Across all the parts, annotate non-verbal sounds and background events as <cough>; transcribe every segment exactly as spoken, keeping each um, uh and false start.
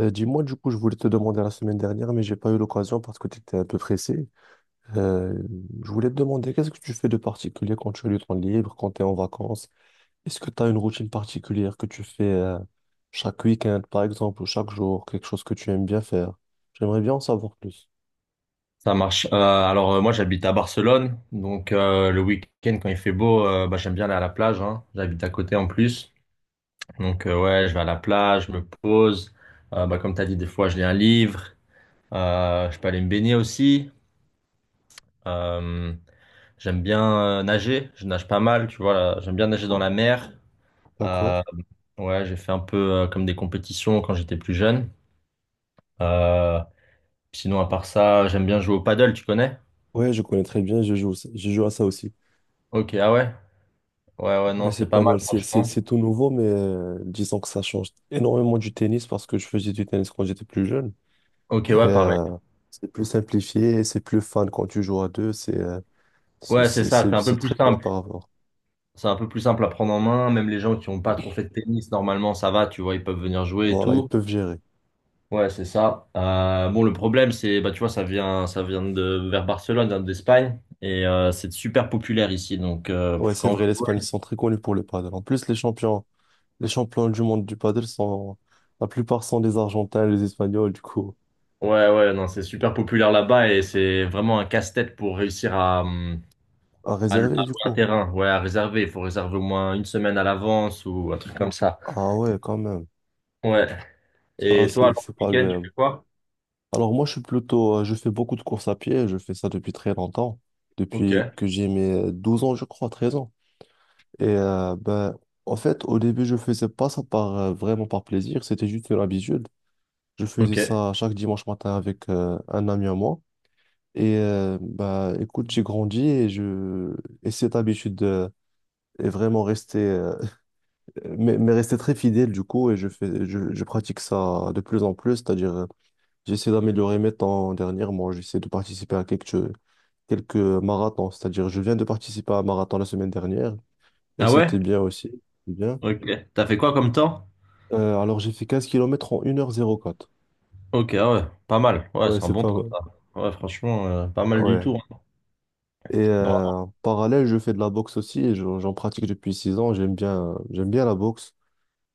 Euh, dis-moi, du coup, je voulais te demander la semaine dernière, mais j'ai pas eu l'occasion parce que tu étais un peu pressé. Euh, je voulais te demander, qu'est-ce que tu fais de particulier quand tu as du temps libre, quand tu es en vacances? Est-ce que tu as une routine particulière que tu fais euh, chaque week-end, par exemple, ou chaque jour, quelque chose que tu aimes bien faire? J'aimerais bien en savoir plus. Ça marche. Euh, alors euh, moi j'habite à Barcelone, donc euh, le week-end quand il fait beau, euh, bah, j'aime bien aller à la plage, hein. J'habite à côté en plus, donc euh, ouais, je vais à la plage, je me pose. Euh, bah, comme t'as dit, des fois je lis un livre. Euh, je peux aller me baigner aussi. Euh, J'aime bien euh, nager, je nage pas mal, tu vois, là. J'aime bien nager dans la mer. D'accord? Euh, ouais, j'ai fait un peu euh, comme des compétitions quand j'étais plus jeune. Euh, Sinon, à part ça, j'aime bien jouer au paddle, tu connais? Ouais, je connais très bien, je joue, aussi- je joue à ça aussi. Ok, ah ouais, ouais, ouais, Ouais, non, c'est c'est pas pas mal mal, c'est c'est- franchement. c'est tout nouveau, mais euh, disons que ça change énormément du tennis parce que je faisais du tennis quand j'étais plus jeune. Ok, Et, ouais, pareil. euh, c'est plus simplifié, et c'est plus fun quand tu joues à deux, c'est euh, c'est Ouais, c'est c'est- ça, c'est c'est- un peu c'est plus très bien simple. par rapport. C'est un peu plus simple à prendre en main. Même les gens qui n'ont pas trop fait de tennis, normalement, ça va, tu vois, ils peuvent venir jouer et Voilà, ils tout. peuvent gérer. Ouais, c'est ça. Euh, bon, le problème, c'est, bah, tu vois, ça vient, ça vient de vers Barcelone, ça vient d'Espagne, et euh, c'est super populaire ici. Donc, euh, Ouais, c'est quand on veut vrai, l'Espagne, ils jouer- sont très connus pour le paddle. En plus, les champions, les champions du monde du paddle sont, la plupart sont des Argentins, les Espagnols, du coup, Ouais, ouais, non, c'est super populaire là-bas et c'est vraiment un casse-tête pour réussir à, hum, à à, à louer réserver, du un coup. terrain, ouais, à réserver. Il faut réserver au moins une semaine à l'avance ou un truc comme ça. Ah ouais, quand même. Ouais. Ça, Et toi, c'est alors, c'est le pas week-end, tu agréable. fais quoi? Alors moi, je suis plutôt, euh, je fais beaucoup de courses à pied, je fais ça depuis très longtemps, Ok. depuis que j'ai mes euh, douze ans, je crois, treize ans. Et euh, ben, en fait, au début, je faisais pas ça par, euh, vraiment par plaisir, c'était juste une habitude. Je faisais Ok. ça chaque dimanche matin avec euh, un ami à moi. Et euh, ben, écoute, j'ai grandi et, je... et cette habitude euh, est vraiment restée, euh, <laughs> mais, mais restée très fidèle du coup. Et je fais, je, je pratique ça de plus en plus, c'est-à-dire euh, j'essaie d'améliorer mes temps dernièrement, j'essaie de participer à quelques, quelques marathons, c'est-à-dire je viens de participer à un marathon la semaine dernière et Ah ouais? c'était bien aussi. Bien. Ok. T'as fait quoi comme temps? Euh, alors j'ai fait quinze kilomètres en une heure zéro 04. Ok, ah ouais, pas mal. Ouais, Ouais, c'est un c'est bon pas temps, mal. ça. Ouais, franchement, euh, pas mal du Ouais. tout, hein. Et euh, Bravo. en parallèle, je fais de la boxe aussi et j'en j'en pratique depuis six ans. J'aime bien, j'aime bien la boxe.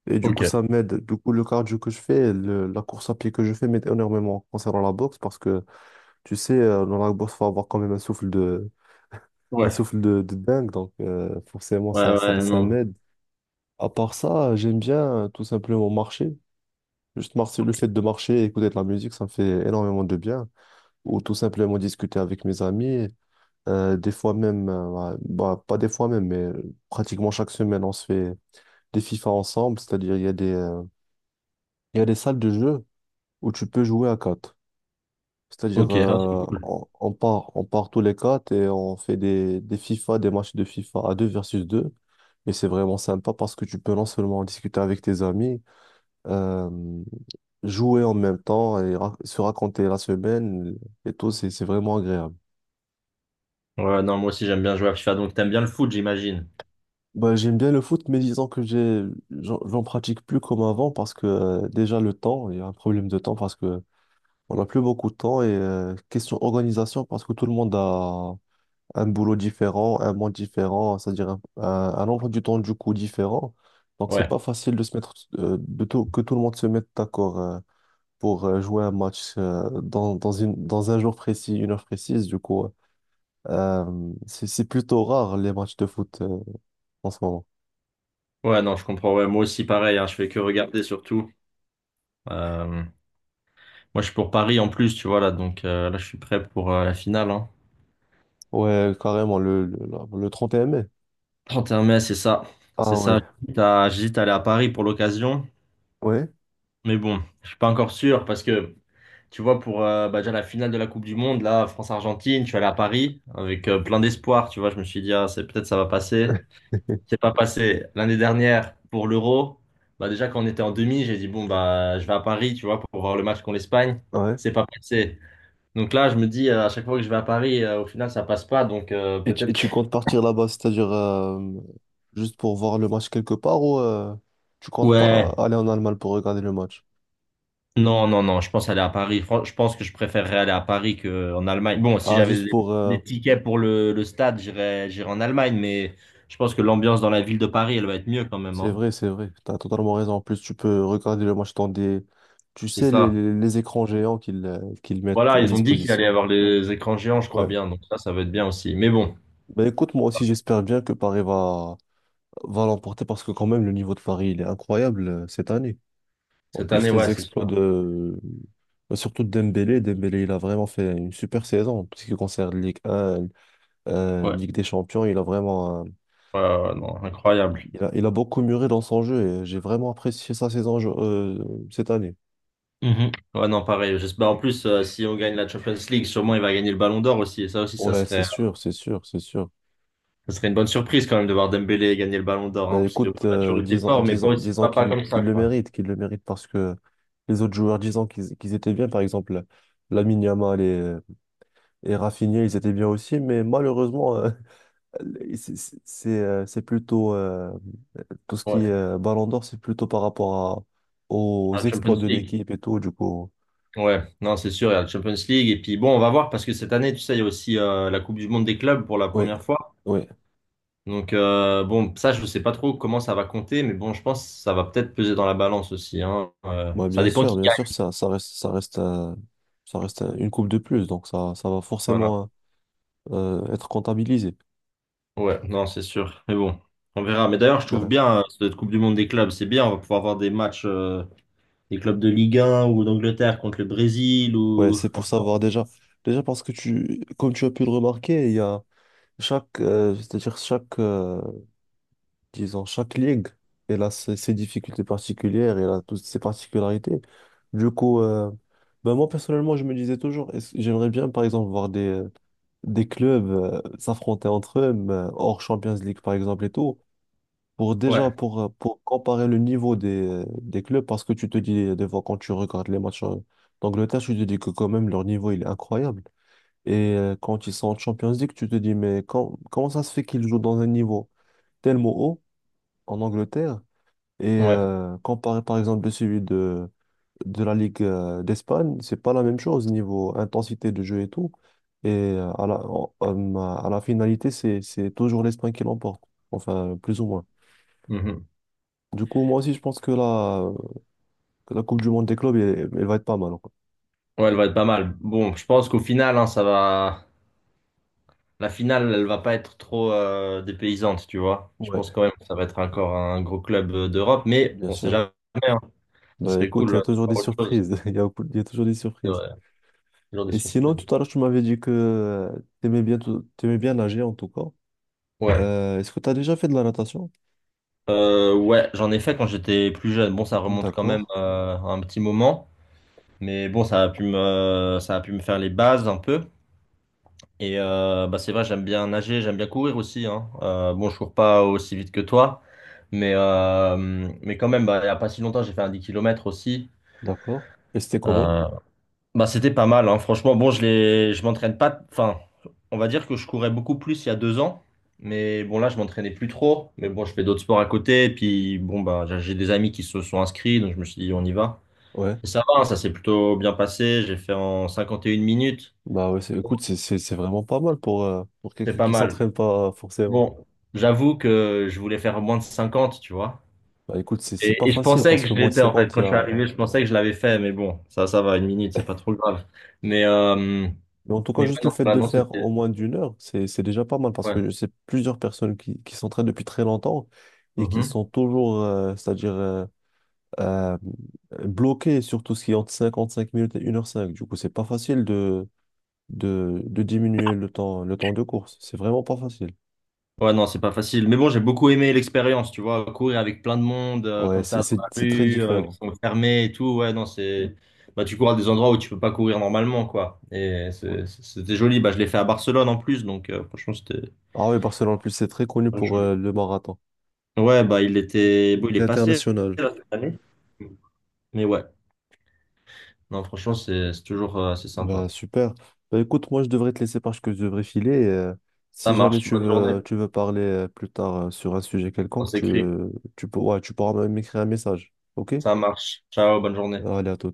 Et du coup, Ok. ça m'aide. Du coup, le cardio que je fais, le- la course à pied que je fais m'aide énormément concernant la boxe parce que, tu sais, euh, dans la boxe, il faut avoir quand même un souffle de, un Ouais. souffle de, de dingue. Donc, euh, forcément, Ouais, ça, ça, ouais, ça non. m'aide. À part ça, j'aime bien euh, tout simplement marcher. Juste marcher, le fait de marcher et écouter de la musique, ça me fait énormément de bien. Ou tout simplement discuter avec mes amis. Euh, des fois même, euh, ouais, bah, pas des fois même, mais euh, pratiquement chaque semaine, on se fait des FIFA ensemble. C'est-à-dire, il y a des, euh, il y a des salles de jeu où tu peux jouer à quatre. C'est-à-dire, Ok, ah, c'est euh, cool. on, on part, on part tous les quatre et on fait des, des FIFA, des matchs de FIFA à deux versus deux. Et c'est vraiment sympa parce que tu peux non seulement discuter avec tes amis, euh, jouer en même temps et ra- se raconter la semaine et tout, c'est c'est vraiment agréable. Ouais, non, moi aussi, j'aime bien jouer à FIFA. Donc, t'aimes bien le foot, j'imagine. Bah, j'aime bien le foot, mais disons que j'ai, j'en j'en pratique plus comme avant parce que euh, déjà le temps, il y a un problème de temps parce que on n'a plus beaucoup de temps et euh, question organisation parce que tout le monde a un boulot différent, un monde différent, c'est-à-dire un, un, un emploi du temps du coup différent. Donc c'est Ouais. pas facile de se mettre, euh, de tout, que tout le monde se mette d'accord euh, pour euh, jouer un match euh, dans, dans une, dans un jour précis, une heure précise. Du coup, euh, c'est c'est plutôt rare les matchs de foot euh, en ce moment. Ouais, non, je comprends. Ouais, moi aussi, pareil, hein, je fais que regarder, surtout. Euh, Moi, je suis pour Paris, en plus, tu vois, là. Donc, euh, là, je suis prêt pour euh, la finale, hein. Ouais, carrément, le, le, la- le trente et un mai. trente et un mai, c'est ça. C'est Ah ouais, ça. J'hésite à j'hésite à aller à Paris pour l'occasion. ouais, Mais bon, je suis pas encore sûr parce que... Tu vois, pour euh, bah, déjà la finale de la Coupe du Monde, là, France-Argentine, je suis allé à Paris avec euh, plein d'espoir. Tu vois, je me suis dit, ah, c'est peut-être ça va passer. <laughs> C'est pas passé. L'année dernière, pour l'Euro, bah, déjà quand on était en demi, j'ai dit, bon, bah, je vais à Paris, tu vois, pour voir le match contre l'Espagne. ouais. C'est pas passé. Donc là, je me dis, euh, à chaque fois que je vais à Paris, euh, au final, ça passe pas. Donc euh, Et tu, et peut-être tu que. comptes <laughs> partir là-bas, c'est-à-dire euh, juste pour voir le match quelque part ou euh, tu comptes pas Ouais. aller en Allemagne pour regarder le match? Non, non, non, je pense aller à Paris. Fran- Je pense que je préférerais aller à Paris qu'en Allemagne. Bon, si Ah, j'avais juste des pour... euh, des tickets pour le, le stade, j'irais, j'irais en Allemagne, mais je pense que l'ambiance dans la ville de Paris, elle va être mieux quand même, c'est hein. vrai, c'est vrai, t'as totalement raison. En plus, tu peux regarder le match dans des... Tu C'est sais, les, ça. les, les écrans géants qu'ils euh, qu'ils mettent Voilà, à ils ont dit qu'il allait y disposition. avoir les écrans géants, je crois Ouais. bien, donc ça, ça va être bien aussi. Mais bon, Ben écoute, moi aussi, j'espère bien que Paris va, va l'emporter parce que quand même, le niveau de Paris, il est incroyable euh, cette année. En cette plus, année, ouais, les c'est exploits sûr. de... bah, surtout de Dembélé. Dembélé, il a vraiment fait une super saison. En ce qui concerne Ligue un, euh, Ouais, Ligue des Champions, il a vraiment... euh, ouais, ouais, ouais, non, incroyable. il a, il a beaucoup mûri dans son jeu et j'ai vraiment apprécié sa saison je- euh, cette année. Mhm. Ouais, non, pareil. J'espère en plus, euh, si on gagne la Champions League, sûrement il va gagner le Ballon d'Or aussi, et ça aussi, ça Ouais, c'est serait. sûr, c'est sûr, c'est sûr. Ça serait une bonne surprise quand même de voir Dembélé gagner le Ballon d'Or, hein, Bah parce que bon, écoute, la euh, Turquie était disons, fort, mais pas disons, aussi disons pas, pas qu'il comme ça, qu'il le quoi. mérite, qu'il le mérite parce que les autres joueurs, disons qu'ils qu'ils étaient bien, par exemple, Lamine Yamal et, et Rafinha, ils étaient bien aussi, mais malheureusement, euh, C'est c'est- c'est, euh, c'est plutôt euh, tout ce qui est Ouais, euh, Ballon d'Or, c'est plutôt par rapport à- aux à la exploits Champions de League. l'équipe et tout, du coup. Ouais, non, c'est sûr, il y a la Champions League. Et puis bon, on va voir, parce que cette année, tu sais, il y a aussi euh, la Coupe du Monde des clubs pour la Oui, première fois. oui. Donc euh, bon, ça, je ne sais pas trop comment ça va compter, mais bon, je pense que ça va peut-être peser dans la balance aussi, hein. Euh, Moi, Ça bien dépend sûr, qui bien sûr, gagne. ça, ça reste, ça reste, un- ça reste un- une coupe de plus, donc ça, ça va Voilà. forcément euh, être comptabilisé. Ouais, non, c'est sûr. Mais bon, on verra. Mais d'ailleurs, je trouve Ouais, bien euh, cette Coupe du Monde des clubs, c'est bien, on va pouvoir voir des matchs. euh, des clubs de Ligue un ou d'Angleterre contre le Brésil ouais, ou c'est comme pour ça. savoir déjà, déjà parce que tu, comme tu as pu le remarquer, il y a chaque, euh, c'est-à-dire chaque euh, disons, chaque ligue, elle a ses, ses difficultés particulières, elle a toutes ses particularités. Du coup, euh, ben moi personnellement, je me disais toujours, est-ce- j'aimerais bien, par exemple, voir des, euh, des clubs euh, s'affronter entre eux, mais, euh, hors Champions League, par exemple, et tout, pour déjà, Ouais, pour, euh, pour comparer le niveau des, euh, des clubs, parce que tu te dis, euh, des fois, quand tu regardes les matchs euh, d'Angleterre, tu te dis que quand même, leur niveau, il est incroyable. Et euh, quand ils sont en Champions League, tu te dis, mais quand- comment ça se fait qu'ils jouent dans un niveau tellement haut en Angleterre? Et ouais, euh, comparé par exemple de celui de, de la Ligue euh, d'Espagne, c'est pas la même chose niveau intensité de jeu et tout. Et euh, à la, en- en- à la finalité, c'est, c'est toujours l'Espagne qui l'emporte, enfin plus ou moins. mhm. Du coup, moi aussi, je pense que la, que la Coupe du Monde des clubs, elle, elle va être pas mal, quoi. Ouais, elle va être pas mal. Bon, je pense qu'au final, hein, ça va. La finale, elle va pas être trop euh, dépaysante, tu vois. Je pense Ouais, quand même que ça va être encore un gros club euh, d'Europe, mais bien on sait sûr. jamais, hein. Ça Bah serait écoute, il cool y euh, a de toujours des voir autre chose. surprises. <laughs> Il y a, il y a toujours des C'est surprises. vrai. Toujours des Et surprises. sinon, tout à l'heure, tu m'avais dit que tu aimais bien, tout- t'aimais bien nager en tout cas. Ouais, Euh, est-ce que tu as déjà fait de la natation? Euh, ouais, j'en ai fait quand j'étais plus jeune. Bon, ça remonte quand D'accord. même euh, à un petit moment, mais bon, ça a pu me, ça a pu me faire les bases un peu. Et euh, bah c'est vrai, j'aime bien nager, j'aime bien courir aussi, hein. Euh, bon, je cours pas aussi vite que toi, mais, euh, mais quand même, bah, il n'y a pas si longtemps, j'ai fait un dix kilomètres aussi. D'accord. Et c'était comment? Euh, Bah, c'était pas mal, hein. Franchement, bon, je les, je m'entraîne pas. Enfin, on va dire que je courais beaucoup plus il y a deux ans, mais bon, là, je m'entraînais plus trop. Mais bon, je fais d'autres sports à côté, et puis bon, bah, j'ai j'ai des amis qui se sont inscrits, donc je me suis dit, on y va. Ouais. Et ça va, hein, ça s'est plutôt bien passé. J'ai fait en cinquante et une minutes, Bah ouais, c'est- écoute, c'est c'est- c'est vraiment pas mal pour, euh, pour c'est quelqu'un pas qui mal. s'entraîne pas euh, forcément. Bon, j'avoue que je voulais faire moins de cinquante, tu vois. Bah écoute, c'est c'est pas Et, et je facile pensais parce que que je moins de l'étais, en fait. cinquante, il Quand y je suis a... arrivé, je pensais que je l'avais fait, mais bon, ça, ça va, une minute, c'est pas <laughs> trop grave. Mais, euh, Mais en tout cas, mais ouais, juste le non, fait de voilà, le non, faire en c'était. moins d'une heure, c'est c'est déjà pas mal parce Ouais. que je sais plusieurs personnes qui, qui s'entraînent depuis très longtemps et qui Mhm. sont toujours, euh, c'est-à-dire euh, euh, bloqué sur tout ce qui est entre cinquante-cinq minutes et une heure cinq. Du coup, c'est pas facile de, de, de diminuer le temps, le temps de course. C'est vraiment pas facile. Ouais, non, c'est pas facile. Mais bon, j'ai beaucoup aimé l'expérience, tu vois. Courir avec plein de monde, euh, Ouais, comme ça, c'est dans c'est- la c'est très rue, euh, qui différent. sont fermés et tout. Ouais, non, c'est. Bah, tu cours à des endroits où tu peux pas courir normalement, quoi. Et c'est- c'était joli. Bah, je l'ai fait à Barcelone en plus, donc euh, franchement, c'était. Ah oui, Barcelone, en plus, c'est très connu pour euh, le marathon. Ouais, bah il était. Il Bon, il est est passé international. là, cette année. Mais ouais, non, franchement, c'est c'est toujours euh, assez sympa. Bah, super. Bah, écoute, moi, je devrais te laisser parce que je devrais filer. Et, euh, Ça si jamais marche. tu Bonne journée. veux, tu veux parler euh, plus tard euh, sur un sujet On quelconque, tu, s'écrit. euh, tu, peux, ouais, tu pourras m'écrire un message. OK? Ça marche. Ciao, bonne journée. Allez, à tout.